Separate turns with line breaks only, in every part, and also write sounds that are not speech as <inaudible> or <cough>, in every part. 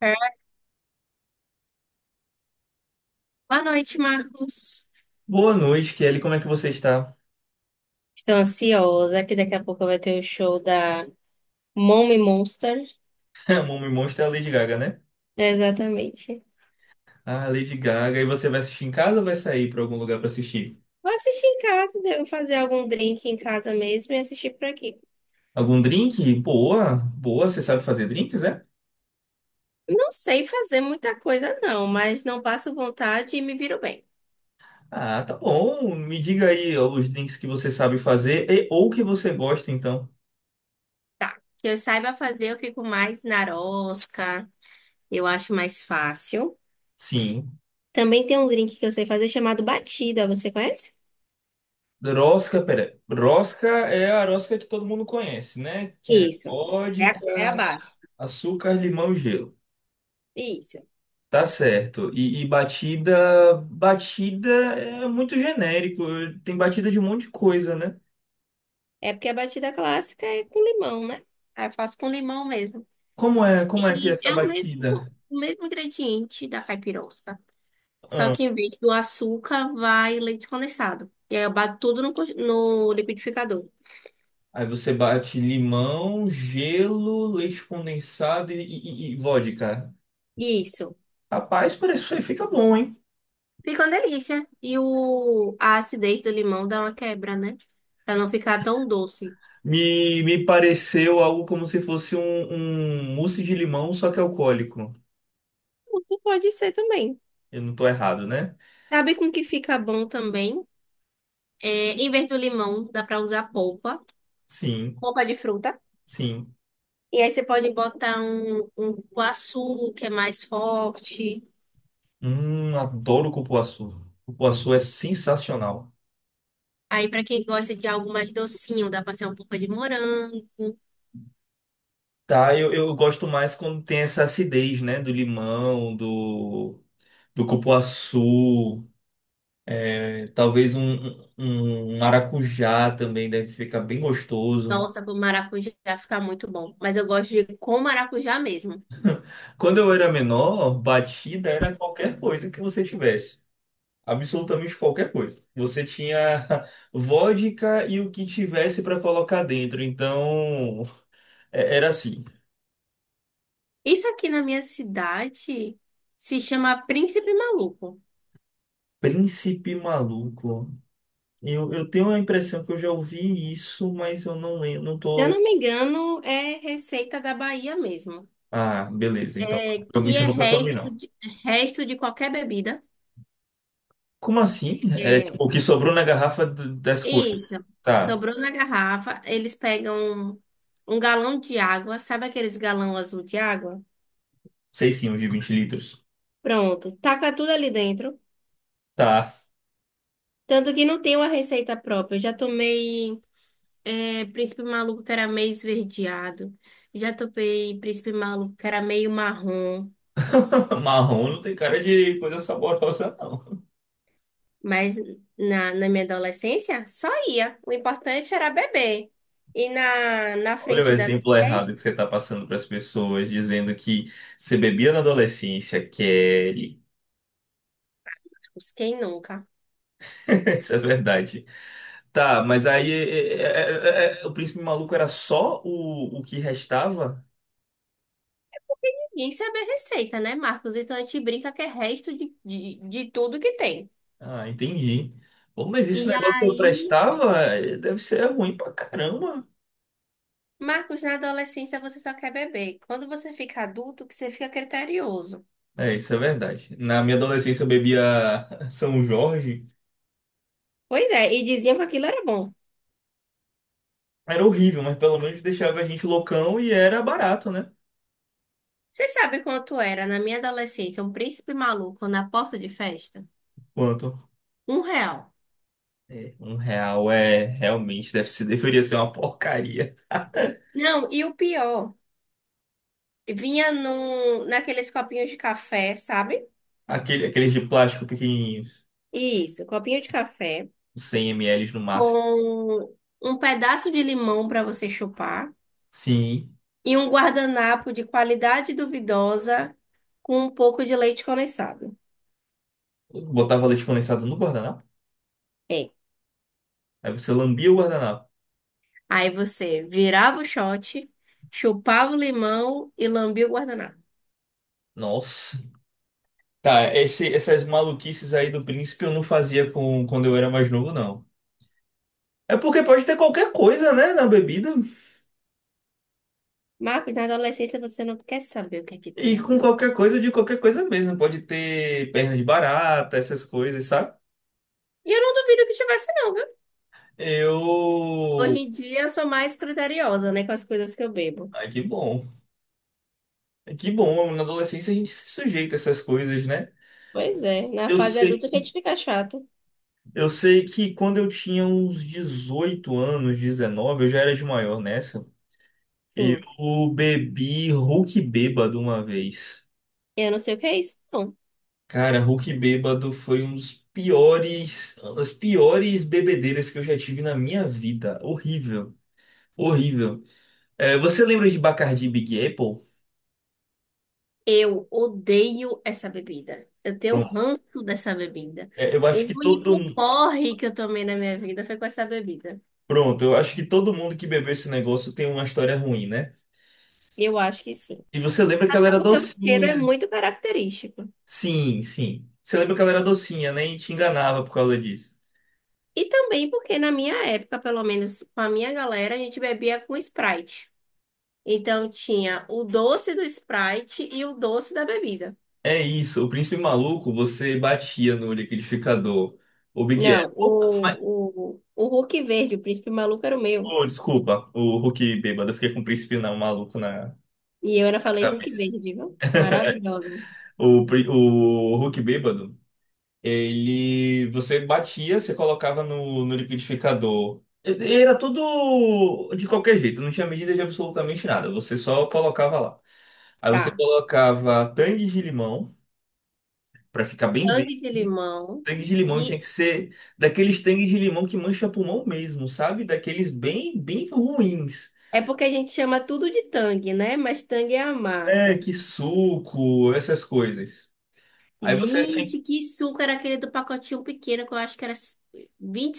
É, Boa noite, Marcos.
Boa noite, Kelly. Como é que você está?
Estou ansiosa que daqui a pouco vai ter o show da Mommy Monster.
<laughs> A Mummy Monster é a Lady Gaga, né?
Exatamente.
Ah, Lady Gaga. E você vai assistir em casa ou vai sair para algum lugar para assistir?
Vou assistir em casa, devo fazer algum drink em casa mesmo e assistir por aqui.
Algum drink? Boa, boa. Você sabe fazer drinks, né?
Não sei fazer muita coisa, não, mas não passo vontade e me viro bem.
Ah, tá bom. Me diga aí ó, os drinks que você sabe fazer e, ou que você gosta, então.
Tá. Que eu saiba fazer, eu fico mais narosca, eu acho mais fácil.
Sim.
Também tem um drink que eu sei fazer chamado batida, você conhece?
Rosca, pera. Rosca é a rosca que todo mundo conhece, né? Que é
Isso. É a
vodka,
base.
açúcar, limão e gelo.
Isso.
Tá certo. E batida, batida é muito genérico. Tem batida de um monte de coisa, né?
É porque a batida clássica é com limão, né? Aí eu faço com limão mesmo.
Como que é
E
essa
é o mesmo,
batida?
o mesmo ingrediente da caipirosca. Só
Ah,
que em vez do açúcar, vai leite condensado. E aí eu bato tudo no liquidificador.
aí você bate limão, gelo, leite condensado e vodka.
Isso.
Rapaz, parece isso aí fica bom, hein?
Fica uma delícia. A acidez do limão dá uma quebra, né? Pra não ficar tão doce.
Me pareceu algo como se fosse um mousse de limão, só que alcoólico.
Muito Pode ser também.
Eu não tô errado, né?
Sabe com que fica bom também? É, em vez do limão, dá pra usar polpa.
Sim,
Polpa de fruta.
sim.
E aí você pode botar um cupuaçu, que é mais forte.
Adoro cupuaçu. Cupuaçu é sensacional.
Aí, para quem gosta de algo mais docinho, dá pra ser um pouco de morango.
Tá, eu gosto mais quando tem essa acidez, né? Do limão, do cupuaçu, é, talvez um maracujá também deve ficar bem gostoso.
Nossa, com maracujá fica muito bom. Mas eu gosto de com maracujá mesmo.
Quando eu era menor, batida era qualquer coisa que você tivesse. Absolutamente qualquer coisa. Você tinha <laughs> vodka e o que tivesse para colocar dentro. Então, era assim.
Isso aqui na minha cidade se chama Príncipe Maluco.
Príncipe maluco. Eu tenho a impressão que eu já ouvi isso, mas eu não lembro, não
Se eu não
tô.
me engano, é receita da Bahia mesmo.
Ah, beleza. Então,
É, que
provavelmente eu
é
nunca tomei, não.
resto de qualquer bebida.
Como assim? É
é
tipo o que sobrou na garrafa das
Isso.
cores. Tá,
Sobrou na garrafa, eles pegam um galão de água, sabe aqueles galão azul de água?
sei sim, os de 20 litros.
Pronto, taca tudo ali dentro.
Tá.
Tanto que não tem uma receita própria. Eu já tomei príncipe maluco que era meio esverdeado. Já tomei príncipe maluco que era meio marrom.
<laughs> Marrom não tem cara de coisa saborosa, não.
Mas na minha adolescência, só ia. O importante era beber. E na
Olha o
frente das
exemplo errado que
festas,
você tá passando para as pessoas, dizendo que você bebia na adolescência, Kelly.
quem nunca?
<laughs> Isso é verdade. Tá, mas aí é o príncipe maluco era só o que restava?
Ninguém sabe a receita, né, Marcos? Então a gente brinca que é resto de tudo que tem.
Ah, entendi. Bom, mas esse
E
negócio eu
aí,
prestava, deve ser ruim pra caramba.
Marcos, na adolescência você só quer beber. Quando você fica adulto, que você fica criterioso.
É, isso é verdade. Na minha adolescência eu bebia <laughs> São Jorge.
Pois é, e diziam que aquilo era bom.
Era horrível, mas pelo menos deixava a gente loucão e era barato, né?
Você sabe quanto era, na minha adolescência, um príncipe maluco na porta de festa?
Quanto?
R$ 1.
É, R$ 1 realmente deve ser, deveria ser uma porcaria. <laughs>
Não, e o pior, vinha naqueles copinhos de café, sabe?
Aqueles de plástico pequenininhos,
Isso, copinho de café
uns 100 ml no máximo.
com um pedaço de limão para você chupar.
Sim,
E um guardanapo de qualidade duvidosa com um pouco de leite condensado.
eu botava leite condensado no guardanapo.
É.
Aí você lambia o guardanapo.
Aí você virava o shot, chupava o limão e lambia o guardanapo.
Nossa. Tá, essas maluquices aí do príncipe eu não fazia com, quando eu era mais novo, não. É porque pode ter qualquer coisa, né, na bebida.
Marcos, na adolescência você não quer saber o que é que
E
tem ali
com
dentro.
qualquer coisa, de qualquer coisa mesmo. Pode ter perna de barata, essas coisas, sabe?
E eu não duvido que tivesse, não, viu? Hoje
Eu.
em dia eu sou mais criteriosa, né, com as coisas que eu bebo.
Ai, que bom. Que bom, na adolescência a gente se sujeita a essas coisas, né?
Pois é, na
Eu
fase
sei,
adulta que a gente fica chato.
eu sei que quando eu tinha uns 18 anos, 19, eu já era de maior nessa.
Sim,
Eu bebi Hulk bêbado uma vez.
eu não sei o que é isso, não.
Cara, Hulk bêbado foi um dos piores, as piores bebedeiras que eu já tive na minha vida. Horrível, horrível. É, você lembra de Bacardi e Big Apple?
Eu odeio essa bebida. Eu tenho
Pronto.
ranço dessa bebida.
É, eu acho
O
que todo,
único porre que eu tomei na minha vida foi com essa bebida.
pronto, eu acho que todo mundo que bebeu esse negócio tem uma história ruim, né?
Eu acho que sim.
E você lembra que ela era
Porque o cheiro é
docinha?
muito característico.
Sim, sim. Você lembra que ela era docinha, né? E te enganava por causa disso.
E também porque na minha época, pelo menos com a minha galera, a gente bebia com Sprite. Então tinha o doce do Sprite e o doce da bebida.
É isso, o príncipe maluco, você batia no liquidificador. O Big
Não,
Apple.
o Hulk verde, o príncipe maluco era o meu.
Oh, desculpa, o Hulk bêbado. Eu fiquei com o príncipe não, maluco na
E eu ainda falei Hulk
cabeça.
verde, viu? Maravilhoso.
O Hulk bêbado, ele. Você batia, você colocava no liquidificador. Era tudo de qualquer jeito, não tinha medida de absolutamente nada. Você só colocava lá. Aí você
Tá.
colocava tangue de limão, pra ficar bem
Tangue
verde.
de limão.
Tangue de limão tinha
E
que ser daqueles tangue de limão que mancha pulmão mesmo, sabe? Daqueles bem, bem ruins.
é porque a gente chama tudo de tangue, né? Mas tangue é a
É,
marca.
que suco, essas coisas. Aí você tinha,
Gente, que suco era aquele do pacotinho pequeno que eu acho que era 20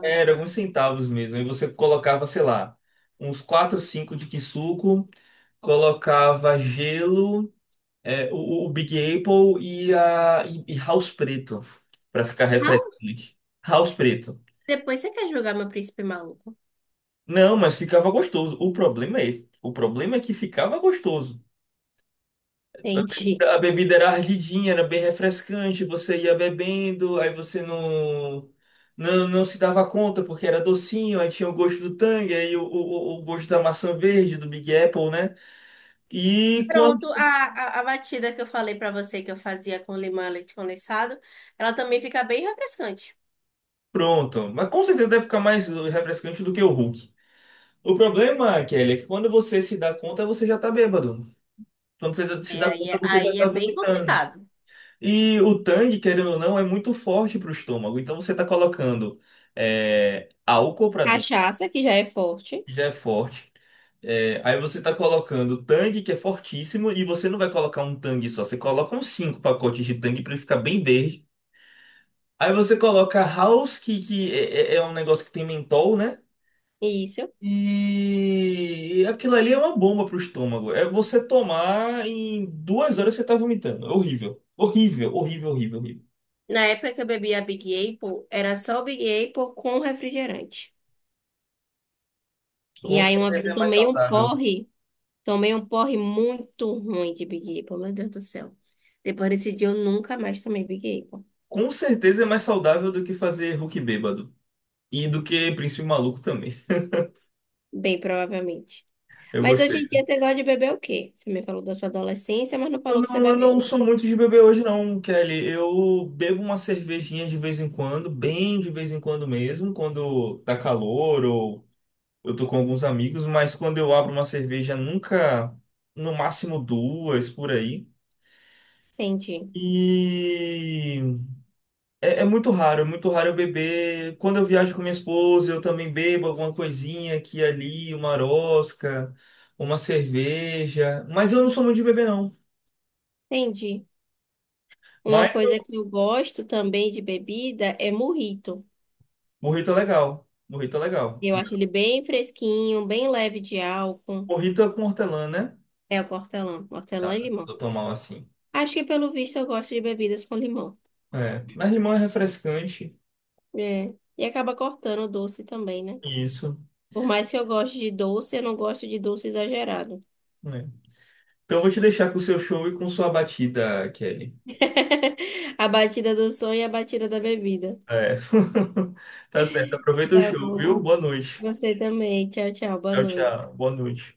era uns centavos mesmo. Aí você colocava, sei lá, uns 4, 5 de Kisuko, colocava gelo, é, o Big Apple e House Preto, pra ficar
Ah,
refrescante. House Preto.
depois você quer jogar meu príncipe maluco?
Não, mas ficava gostoso. O problema é esse. O problema é que ficava gostoso.
Entendi.
A bebida era ardidinha, era bem refrescante, você ia bebendo, aí você não, não, não se dava conta porque era docinho, aí tinha o gosto do Tang, aí o gosto da maçã verde, do Big Apple, né? E quando.
Pronto, a batida que eu falei pra você que eu fazia com limão e leite condensado, ela também fica bem refrescante.
Pronto. Mas com certeza deve ficar mais refrescante do que o Hulk. O problema, Kelly, é que quando você se dá conta, você já tá bêbado. Quando você se dá conta, você já
Aí é
tá
bem
vomitando.
complicado.
E o Tang, querendo ou não, é muito forte pro estômago. Então você tá colocando álcool pra dentro
Cachaça, que já é forte.
já é forte. É, aí você tá colocando tangue, que é fortíssimo, e você não vai colocar um tangue só, você coloca uns cinco pacotes de tangue pra ele ficar bem verde. Aí você coloca house, que é um negócio que tem mentol, né?
Isso.
E aquilo ali é uma bomba pro estômago. É você tomar em 2 horas você tá vomitando. É horrível. Horrível, horrível, horrível, horrível.
Na época que eu bebia Big Apple, era só o Big Apple com refrigerante. E
Com
aí uma vez
certeza
eu
é mais saudável.
tomei um porre muito ruim de Big Apple, meu Deus do céu. Depois desse dia eu nunca mais tomei Big Apple,
Com certeza é mais saudável do que fazer Hulk bêbado. E do que Príncipe Maluco também.
bem provavelmente.
Eu
Mas hoje
gostei.
em dia você gosta de beber o quê? Você me falou da sua adolescência, mas não
Eu
falou que você
não, eu não
bebeu.
sou muito de beber hoje, não, Kelly. Eu bebo uma cervejinha de vez em quando, bem de vez em quando mesmo, quando tá calor ou eu tô com alguns amigos, mas quando eu abro uma cerveja, nunca, no máximo duas por aí.
Entendi,
E é muito raro eu beber. Quando eu viajo com minha esposa, eu também bebo alguma coisinha aqui e ali, uma rosca, uma cerveja. Mas eu não sou muito de beber, não.
entendi. Uma
Mas
coisa que eu gosto também de bebida é mojito.
morrito é legal. Morrito é legal.
Eu acho ele bem fresquinho, bem leve de álcool.
Morrito é com hortelã, né?
É o hortelã, hortelã e
Tá,
limão.
tô tão mal assim.
Acho que pelo visto eu gosto de bebidas com limão.
É, mas limão é refrescante.
É. E acaba cortando o doce também, né?
Isso,
Por mais que eu goste de doce, eu não gosto de doce exagerado.
né? Então eu vou te deixar com o seu show e com sua batida, Kelly.
<laughs> A batida do sonho e a batida da bebida.
É. <laughs> Tá certo. Aproveita o
Tá
show, viu?
bom.
Boa noite.
Você também. Tchau, tchau. Boa
Tchau,
noite.
tchau. Boa noite.